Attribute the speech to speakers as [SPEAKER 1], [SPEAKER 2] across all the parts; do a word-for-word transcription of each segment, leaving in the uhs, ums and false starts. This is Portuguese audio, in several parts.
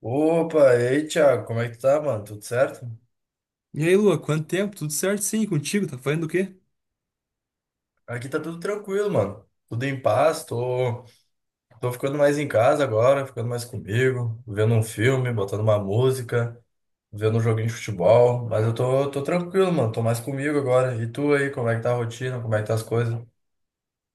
[SPEAKER 1] Opa, e aí, Thiago, como é que tu tá, mano? Tudo certo?
[SPEAKER 2] E aí, Lua, quanto tempo? Tudo certo? Sim, e contigo? Tá fazendo o quê?
[SPEAKER 1] Aqui tá tudo tranquilo, mano. Tudo em paz. Tô, tô ficando mais em casa agora, ficando mais comigo, vendo um filme, botando uma música, vendo um joguinho de futebol, mas eu tô, tô tranquilo, mano, tô mais comigo agora. E tu aí, como é que tá a rotina, como é que tá as coisas?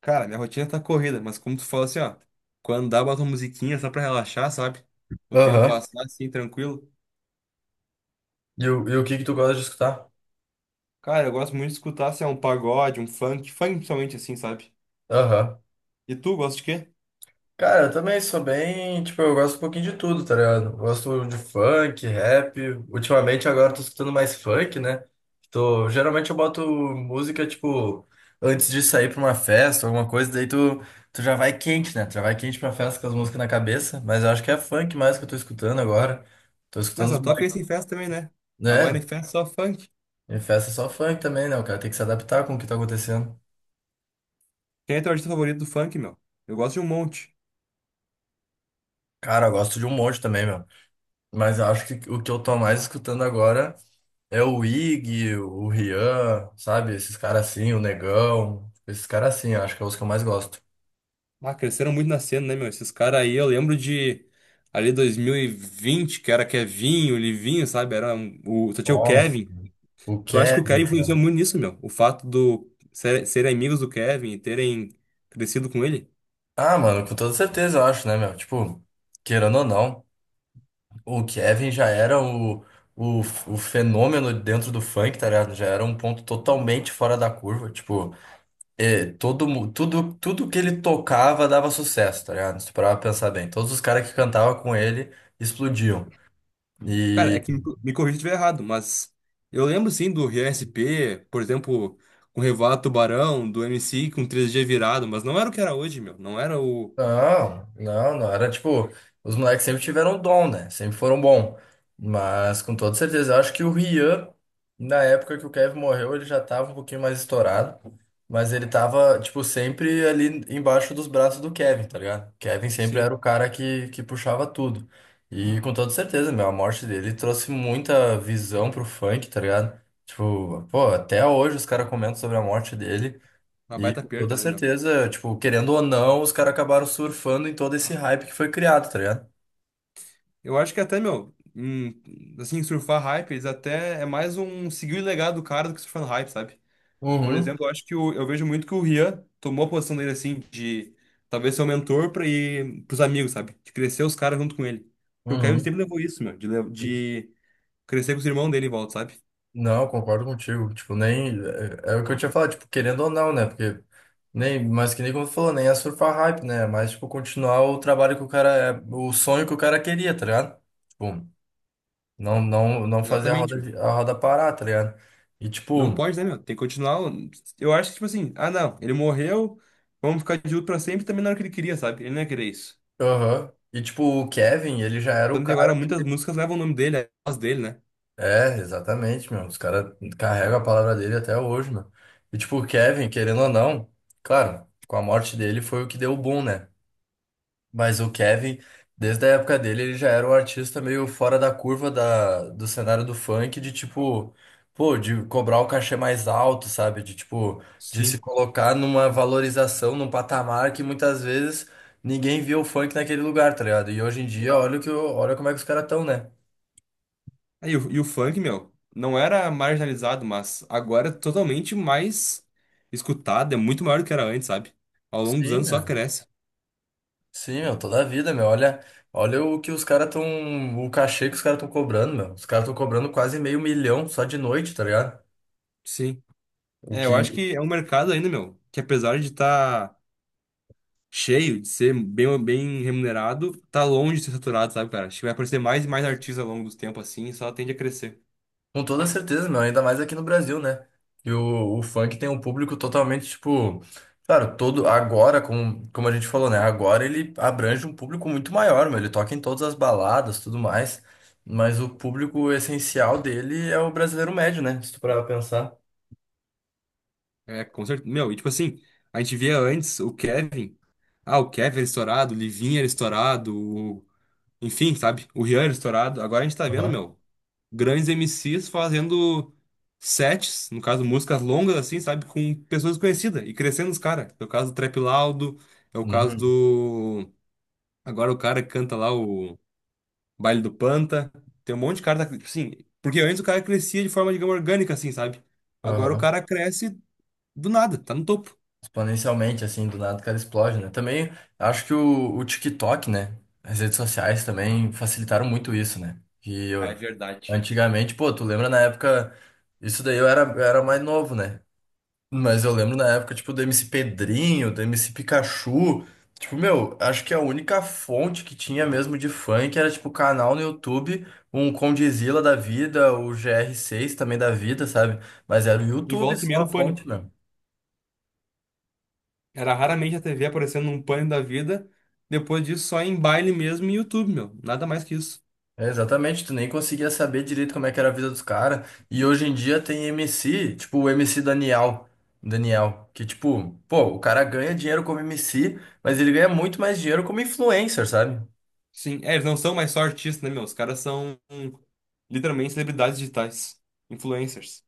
[SPEAKER 2] Cara, minha rotina tá corrida, mas como tu fala assim, ó, quando dá, bota uma musiquinha só pra relaxar, sabe? O tempo
[SPEAKER 1] Aham.
[SPEAKER 2] passar assim, tranquilo.
[SPEAKER 1] E, o- e o que que tu gosta de escutar?
[SPEAKER 2] Cara, eu gosto muito de escutar, se é um pagode, um funk, funk principalmente assim, sabe?
[SPEAKER 1] Aham.
[SPEAKER 2] E tu, gosta de quê?
[SPEAKER 1] Cara, eu também sou bem, tipo, eu gosto um pouquinho de tudo, tá ligado? Eu gosto de funk, rap. Ultimamente agora eu tô escutando mais funk, né? Tô, geralmente eu boto música, tipo, antes de sair pra uma festa, alguma coisa, daí tu, tu já vai quente, né? Tu já vai quente pra festa com as músicas na cabeça, mas eu acho que é funk mais que eu tô escutando agora. Tô
[SPEAKER 2] Não,
[SPEAKER 1] escutando
[SPEAKER 2] só
[SPEAKER 1] os
[SPEAKER 2] toca
[SPEAKER 1] moleques,
[SPEAKER 2] isso em festa também, né? Agora em
[SPEAKER 1] né?
[SPEAKER 2] festa é só funk.
[SPEAKER 1] Em festa é só funk também, né? O cara tem que se adaptar com o que tá acontecendo.
[SPEAKER 2] Quem é teu artista favorito do funk, meu? Eu gosto de um monte.
[SPEAKER 1] Cara, eu gosto de um monte também, meu. Mas eu acho que o que eu tô mais escutando agora. É o Ig, o Rian, sabe? Esses caras assim, o Negão. Esses caras assim, eu acho que é os que eu mais gosto.
[SPEAKER 2] Ah, cresceram muito na cena, né, meu? Esses caras aí, eu lembro de ali dois mil e vinte, que era Kevinho, Livinho, sabe? Era um- o, só tinha o
[SPEAKER 1] Nossa.
[SPEAKER 2] Kevin.
[SPEAKER 1] O
[SPEAKER 2] Tu acha que o Kevin
[SPEAKER 1] Kevin,
[SPEAKER 2] influenciou
[SPEAKER 1] cara.
[SPEAKER 2] muito nisso, meu? O fato do ser, serem amigos do Kevin e terem crescido com ele?
[SPEAKER 1] Ah, mano, com toda certeza, eu acho, né, meu? Tipo, querendo ou não, o Kevin já era o, o, o fenômeno dentro do funk, tá ligado? Já era um ponto totalmente fora da curva. Tipo, é, todo, mu- tudo, tudo que ele tocava dava sucesso, tá ligado? Se tu parar pra pensar bem. Todos os caras que cantavam com ele explodiam.
[SPEAKER 2] Cara, é que me, me corrija se estiver errado, mas eu lembro sim do Rian S P, por exemplo, com o Revoado Tubarão, do M C com três G virado, mas não era o que era hoje, meu. Não era o.
[SPEAKER 1] Não, não, não. Era tipo, os moleques sempre tiveram dom, né? Sempre foram bom. Mas com toda certeza, eu acho que o Rian, na época que o Kevin morreu, ele já tava um pouquinho mais estourado. Mas ele tava, tipo, sempre ali embaixo dos braços do Kevin, tá ligado? Kevin sempre era
[SPEAKER 2] Sim,
[SPEAKER 1] o cara que, que puxava tudo. E com toda certeza, meu, a morte dele trouxe muita visão pro funk, tá ligado? Tipo, pô, até hoje os caras comentam sobre a morte dele.
[SPEAKER 2] uma
[SPEAKER 1] E
[SPEAKER 2] baita
[SPEAKER 1] com
[SPEAKER 2] perca,
[SPEAKER 1] toda
[SPEAKER 2] né, meu?
[SPEAKER 1] certeza, tipo, querendo ou não, os caras acabaram surfando em todo esse hype que foi criado, tá ligado?
[SPEAKER 2] Eu acho que até, meu, hum, assim, surfar hype, eles até é mais um seguir o legado do cara do que surfar no hype, sabe? Por
[SPEAKER 1] Uhum,
[SPEAKER 2] exemplo, eu acho que o, eu vejo muito que o Rian tomou a posição dele assim de talvez ser o mentor para ir pros amigos, sabe? De crescer os caras junto com ele. Porque o Kevin
[SPEAKER 1] uhum.
[SPEAKER 2] sempre levou isso, meu, de, le- de crescer com os irmãos dele em volta, sabe?
[SPEAKER 1] Não, eu concordo contigo. Tipo, nem. É, é o que eu tinha falado, tipo, querendo ou não, né? Porque. Nem, mas que nem como tu falou, nem é surfar hype, né? Mas, tipo, continuar o trabalho que o cara. É o sonho que o cara queria, tá ligado? Tipo, não, não, não fazer a
[SPEAKER 2] Exatamente,
[SPEAKER 1] roda,
[SPEAKER 2] meu.
[SPEAKER 1] de- a roda parar, tá ligado? E,
[SPEAKER 2] Não
[SPEAKER 1] tipo.
[SPEAKER 2] pode, né, meu? Tem que continuar. Eu acho que, tipo assim, ah, não, ele morreu, vamos ficar de luto pra sempre, também não era o que ele queria, sabe? Ele não ia querer isso.
[SPEAKER 1] Aham. E, tipo, o Kevin, ele já era o
[SPEAKER 2] Tanto que
[SPEAKER 1] cara.
[SPEAKER 2] agora muitas músicas levam o nome dele, a voz dele, né?
[SPEAKER 1] É, exatamente, meu. Os caras carregam a palavra dele até hoje, meu. E tipo, o Kevin, querendo ou não, claro, com a morte dele foi o que deu o boom, né? Mas o Kevin, desde a época dele, ele já era um artista meio fora da curva da, do cenário do funk, de tipo, pô, de cobrar o cachê mais alto, sabe? De tipo, de se
[SPEAKER 2] Sim.
[SPEAKER 1] colocar numa valorização, num patamar que muitas vezes ninguém via o funk naquele lugar, tá ligado? E hoje em dia, olha o que, o- olha como é que os caras estão, né?
[SPEAKER 2] Aí o, e o funk, meu, não era marginalizado, mas agora é totalmente mais escutado, é muito maior do que era antes, sabe? Ao longo dos
[SPEAKER 1] Sim,
[SPEAKER 2] anos só
[SPEAKER 1] meu.
[SPEAKER 2] cresce.
[SPEAKER 1] Sim, meu, toda a vida, meu. Olha, olha o que os caras estão. O cachê que os caras estão cobrando, meu. Os caras estão cobrando quase meio milhão só de noite, tá ligado?
[SPEAKER 2] Sim.
[SPEAKER 1] O
[SPEAKER 2] É, eu
[SPEAKER 1] que,
[SPEAKER 2] acho que é um mercado ainda, meu, que apesar de estar cheio, de ser bem, bem remunerado, tá longe de ser saturado, sabe, cara? Acho que vai aparecer mais e mais artistas ao longo dos tempos assim, e só tende a crescer.
[SPEAKER 1] com toda certeza, meu, ainda mais aqui no Brasil, né? E o, o funk tem um público totalmente, tipo. Claro, todo. Agora, como, como a gente falou, né? Agora ele abrange um público muito maior, meu. Ele toca em todas as baladas, tudo mais. Mas o público essencial dele é o brasileiro médio, né? Se tu parar pra pensar.
[SPEAKER 2] É, com certeza. Meu, e tipo assim, a gente via antes o Kevin. Ah, o Kevin era estourado, o Livinho era estourado, o... enfim, sabe? O Rian era estourado. Agora a gente tá vendo,
[SPEAKER 1] Aham.
[SPEAKER 2] meu, grandes M Cs fazendo sets, no caso, músicas longas, assim, sabe? Com pessoas conhecidas e crescendo os caras. É o caso do Trap Laudo, é o caso
[SPEAKER 1] Uhum.
[SPEAKER 2] do. Agora o cara que canta lá o Baile do Panta. Tem um monte de cara, da- assim, porque antes o cara crescia de forma, digamos, orgânica, assim, sabe? Agora o
[SPEAKER 1] Aham.
[SPEAKER 2] cara cresce do nada, tá no topo.
[SPEAKER 1] Exponencialmente, assim, do nada o cara explode, né? Também acho que o, o TikTok, né? As redes sociais também facilitaram muito isso, né? Que
[SPEAKER 2] Ah,
[SPEAKER 1] eu-
[SPEAKER 2] é verdade.
[SPEAKER 1] antigamente, pô, tu lembra na época, isso daí eu era, eu era mais novo, né? Mas eu lembro na época, tipo, do M C Pedrinho, do M C Pikachu. Tipo, meu, acho que a única fonte que tinha mesmo de funk era, tipo, canal no YouTube, um Condizila da vida, o G R seis também da vida, sabe? Mas era o
[SPEAKER 2] E
[SPEAKER 1] YouTube
[SPEAKER 2] volta e meia
[SPEAKER 1] só a
[SPEAKER 2] no pânico.
[SPEAKER 1] fonte, né?
[SPEAKER 2] Era raramente a T V aparecendo num pânico da vida. Depois disso, só em baile mesmo e YouTube, meu. Nada mais que isso.
[SPEAKER 1] É, exatamente, tu nem conseguia saber direito como é que era a vida dos caras. E hoje em dia tem M C, tipo o M C Daniel, Daniel, que tipo, pô, o cara ganha dinheiro como M C, mas ele ganha muito mais dinheiro como influencer, sabe?
[SPEAKER 2] Sim, é, eles não são mais só artistas, né, meu? Os caras são hum, literalmente celebridades digitais, influencers.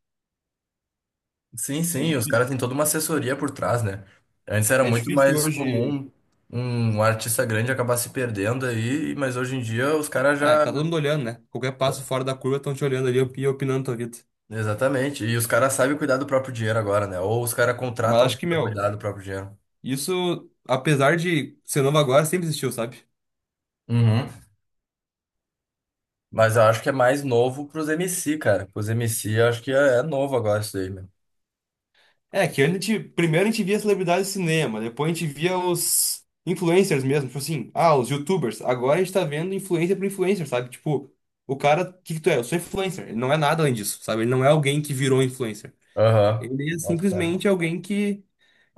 [SPEAKER 1] Sim,
[SPEAKER 2] É,
[SPEAKER 1] sim, e os
[SPEAKER 2] difí-
[SPEAKER 1] caras têm toda uma assessoria por trás, né? Antes era
[SPEAKER 2] é
[SPEAKER 1] muito
[SPEAKER 2] difícil
[SPEAKER 1] mais
[SPEAKER 2] hoje.
[SPEAKER 1] comum um um artista grande acabar se perdendo aí, mas hoje em dia os caras
[SPEAKER 2] É,
[SPEAKER 1] já.
[SPEAKER 2] tá todo mundo olhando, né? Qualquer passo fora da curva estão te olhando ali e opinando tua vida.
[SPEAKER 1] Exatamente, e os caras sabem cuidar do próprio dinheiro agora, né? Ou os caras
[SPEAKER 2] Mas
[SPEAKER 1] contratam
[SPEAKER 2] acho
[SPEAKER 1] alguém
[SPEAKER 2] que,
[SPEAKER 1] pra
[SPEAKER 2] meu,
[SPEAKER 1] cuidar do próprio dinheiro.
[SPEAKER 2] isso, apesar de ser novo agora, sempre existiu, sabe?
[SPEAKER 1] Uhum. Mas eu acho que é mais novo pros M C cara. Pros M C, eu acho que é, é novo agora isso aí, meu.
[SPEAKER 2] É, que a gente, primeiro a gente via celebridades de cinema, depois a gente via os influencers mesmo, tipo assim, ah, os YouTubers. Agora a gente tá vendo influencer por influencer, sabe? Tipo, o cara, o que que tu é? Eu sou influencer. Ele não é nada além disso, sabe? Ele não é alguém que virou influencer.
[SPEAKER 1] Aham.
[SPEAKER 2] Ele é
[SPEAKER 1] Bota
[SPEAKER 2] simplesmente
[SPEAKER 1] fé.
[SPEAKER 2] alguém que,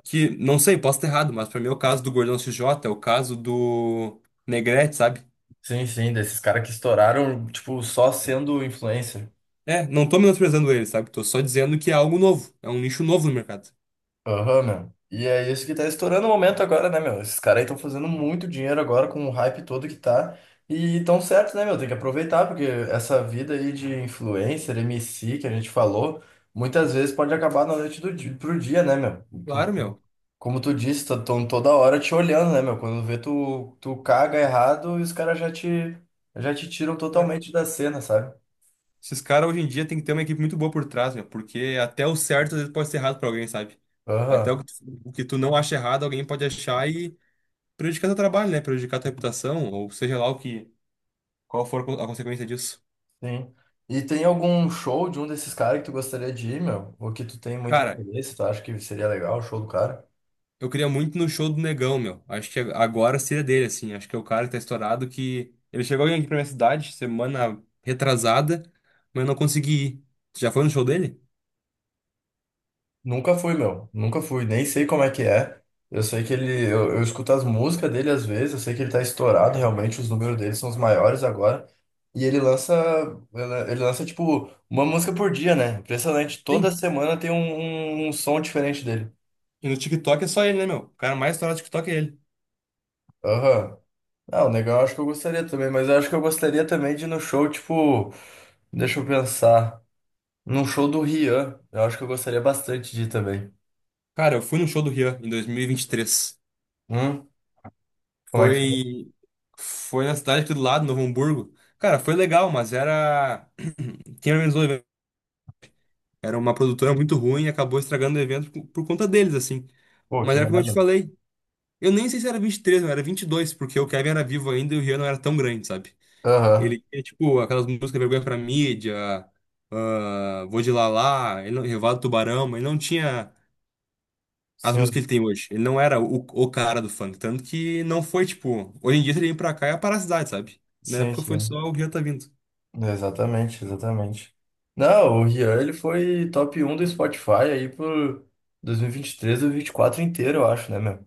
[SPEAKER 2] que não sei, posso estar errado, mas pra mim é o caso do Gordão X J, é o caso do Negrete, sabe?
[SPEAKER 1] Sim, sim, desses caras que estouraram, tipo, só sendo influencer.
[SPEAKER 2] É, não tô menosprezando ele, sabe? Tô só dizendo que é algo novo, é um nicho novo no mercado.
[SPEAKER 1] Aham, meu. E é isso que tá estourando o momento agora, né, meu? Esses caras aí estão fazendo muito dinheiro agora com o hype todo que tá. E tão certo, né, meu? Tem que aproveitar, porque essa vida aí de influencer, M C que a gente falou, muitas vezes pode acabar na noite do dia, pro dia, né, meu?
[SPEAKER 2] Claro, meu.
[SPEAKER 1] Como tu disse, estão toda hora te olhando, né, meu? Quando vê tu, tu caga errado e os caras já te, já te tiram
[SPEAKER 2] É.
[SPEAKER 1] totalmente da cena, sabe?
[SPEAKER 2] Esses caras hoje em dia tem que ter uma equipe muito boa por trás, meu, porque até o certo às vezes pode ser errado pra alguém, sabe? Até o
[SPEAKER 1] Aham,
[SPEAKER 2] que, tu, o que tu não acha errado, alguém pode achar e prejudicar teu trabalho, né? Prejudicar tua reputação, ou seja lá o que, qual for a consequência disso.
[SPEAKER 1] sim. E tem algum show de um desses caras que tu gostaria de ir, meu? Ou que tu tem muito
[SPEAKER 2] Cara,
[SPEAKER 1] interesse, tu acha que seria legal o show do cara?
[SPEAKER 2] eu queria muito no show do Negão, meu. Acho que agora seria dele, assim. Acho que é o cara que tá estourado que. Ele chegou aqui pra minha cidade semana retrasada, mas eu não consegui ir. Tu já foi no show dele?
[SPEAKER 1] Nunca fui, meu. Nunca fui. Nem sei como é que é. Eu sei que ele. Eu, eu escuto as músicas dele às vezes. Eu sei que ele tá estourado, realmente. Os números dele são os maiores agora. E ele lança. Ele ele lança, tipo, uma música por dia, né? Impressionante. Toda
[SPEAKER 2] Sim.
[SPEAKER 1] semana tem um, um um som diferente dele.
[SPEAKER 2] E no TikTok é só ele, né, meu? O cara mais estourado do TikTok é ele.
[SPEAKER 1] Aham. Ah, o Negão eu acho que eu gostaria também. Mas eu acho que eu gostaria também de ir no show, tipo. Deixa eu pensar. Num show do Rian. Eu acho que eu gostaria bastante de ir também.
[SPEAKER 2] Cara, eu fui no show do Rian em dois mil e e vinte e três.
[SPEAKER 1] Hum? Como é que foi?
[SPEAKER 2] Foi, foi na cidade aqui do lado, Novo Hamburgo. Cara, foi legal, mas era. Quem organizou o evento? Era uma produtora muito ruim e acabou estragando o evento por por conta deles, assim.
[SPEAKER 1] Pô,
[SPEAKER 2] Mas
[SPEAKER 1] que
[SPEAKER 2] era como eu te
[SPEAKER 1] merda.
[SPEAKER 2] falei. Eu nem sei se era vinte e três, não, era vinte e dois, porque o Kevin era vivo ainda e o Rian não era tão grande, sabe?
[SPEAKER 1] Aham.
[SPEAKER 2] Ele tinha, tipo, aquelas músicas Vergonha pra Mídia, ah, Vou de Lalá, ele não- Revoada do Tubarão, mas ele não tinha as
[SPEAKER 1] Sim,
[SPEAKER 2] músicas que ele tem hoje. Ele não era o, o cara do funk, tanto que não foi, tipo, hoje em dia se ele vem pra cá é a parasitade, sabe? Na
[SPEAKER 1] sim,
[SPEAKER 2] época foi só
[SPEAKER 1] sim.
[SPEAKER 2] o que já tá vindo.
[SPEAKER 1] Exatamente, exatamente. Não, o Rian, ele foi top um do Spotify aí por dois mil e vinte e três ou dois mil e vinte e quatro inteiro, eu acho, né, meu?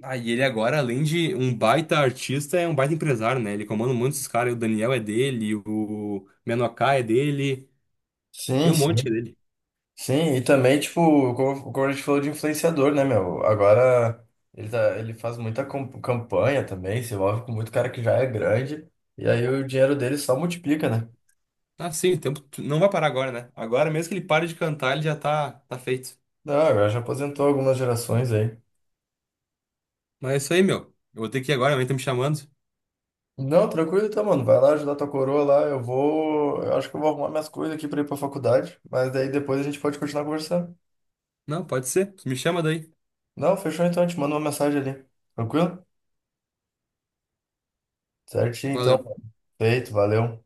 [SPEAKER 2] Ah, e ele agora, além de um baita artista, é um baita empresário, né? Ele comanda um monte desses caras, o Daniel é dele, o Menoká é dele,
[SPEAKER 1] Sim,
[SPEAKER 2] tem um monte
[SPEAKER 1] sim.
[SPEAKER 2] que é dele.
[SPEAKER 1] Sim, e também, tipo, como, como a gente falou de influenciador, né, meu? Agora ele, tá, ele faz muita cam- campanha também, se envolve com muito cara que já é grande, e aí o dinheiro dele só multiplica, né?
[SPEAKER 2] Ah, sim, o tempo não vai parar agora, né? Agora mesmo que ele pare de cantar, ele já tá, tá feito.
[SPEAKER 1] Não, agora já aposentou algumas gerações aí.
[SPEAKER 2] Mas é isso aí, meu. Eu vou ter que ir agora, a mãe tá me chamando.
[SPEAKER 1] Não, tranquilo então, mano. Vai lá ajudar tua coroa lá. Eu vou. Eu acho que eu vou arrumar minhas coisas aqui pra ir pra faculdade. Mas daí depois a gente pode continuar conversando.
[SPEAKER 2] Não, pode ser. Me chama daí.
[SPEAKER 1] Não, fechou então. Eu te mando uma mensagem ali. Tranquilo? Certinho então.
[SPEAKER 2] Valeu.
[SPEAKER 1] Feito, valeu.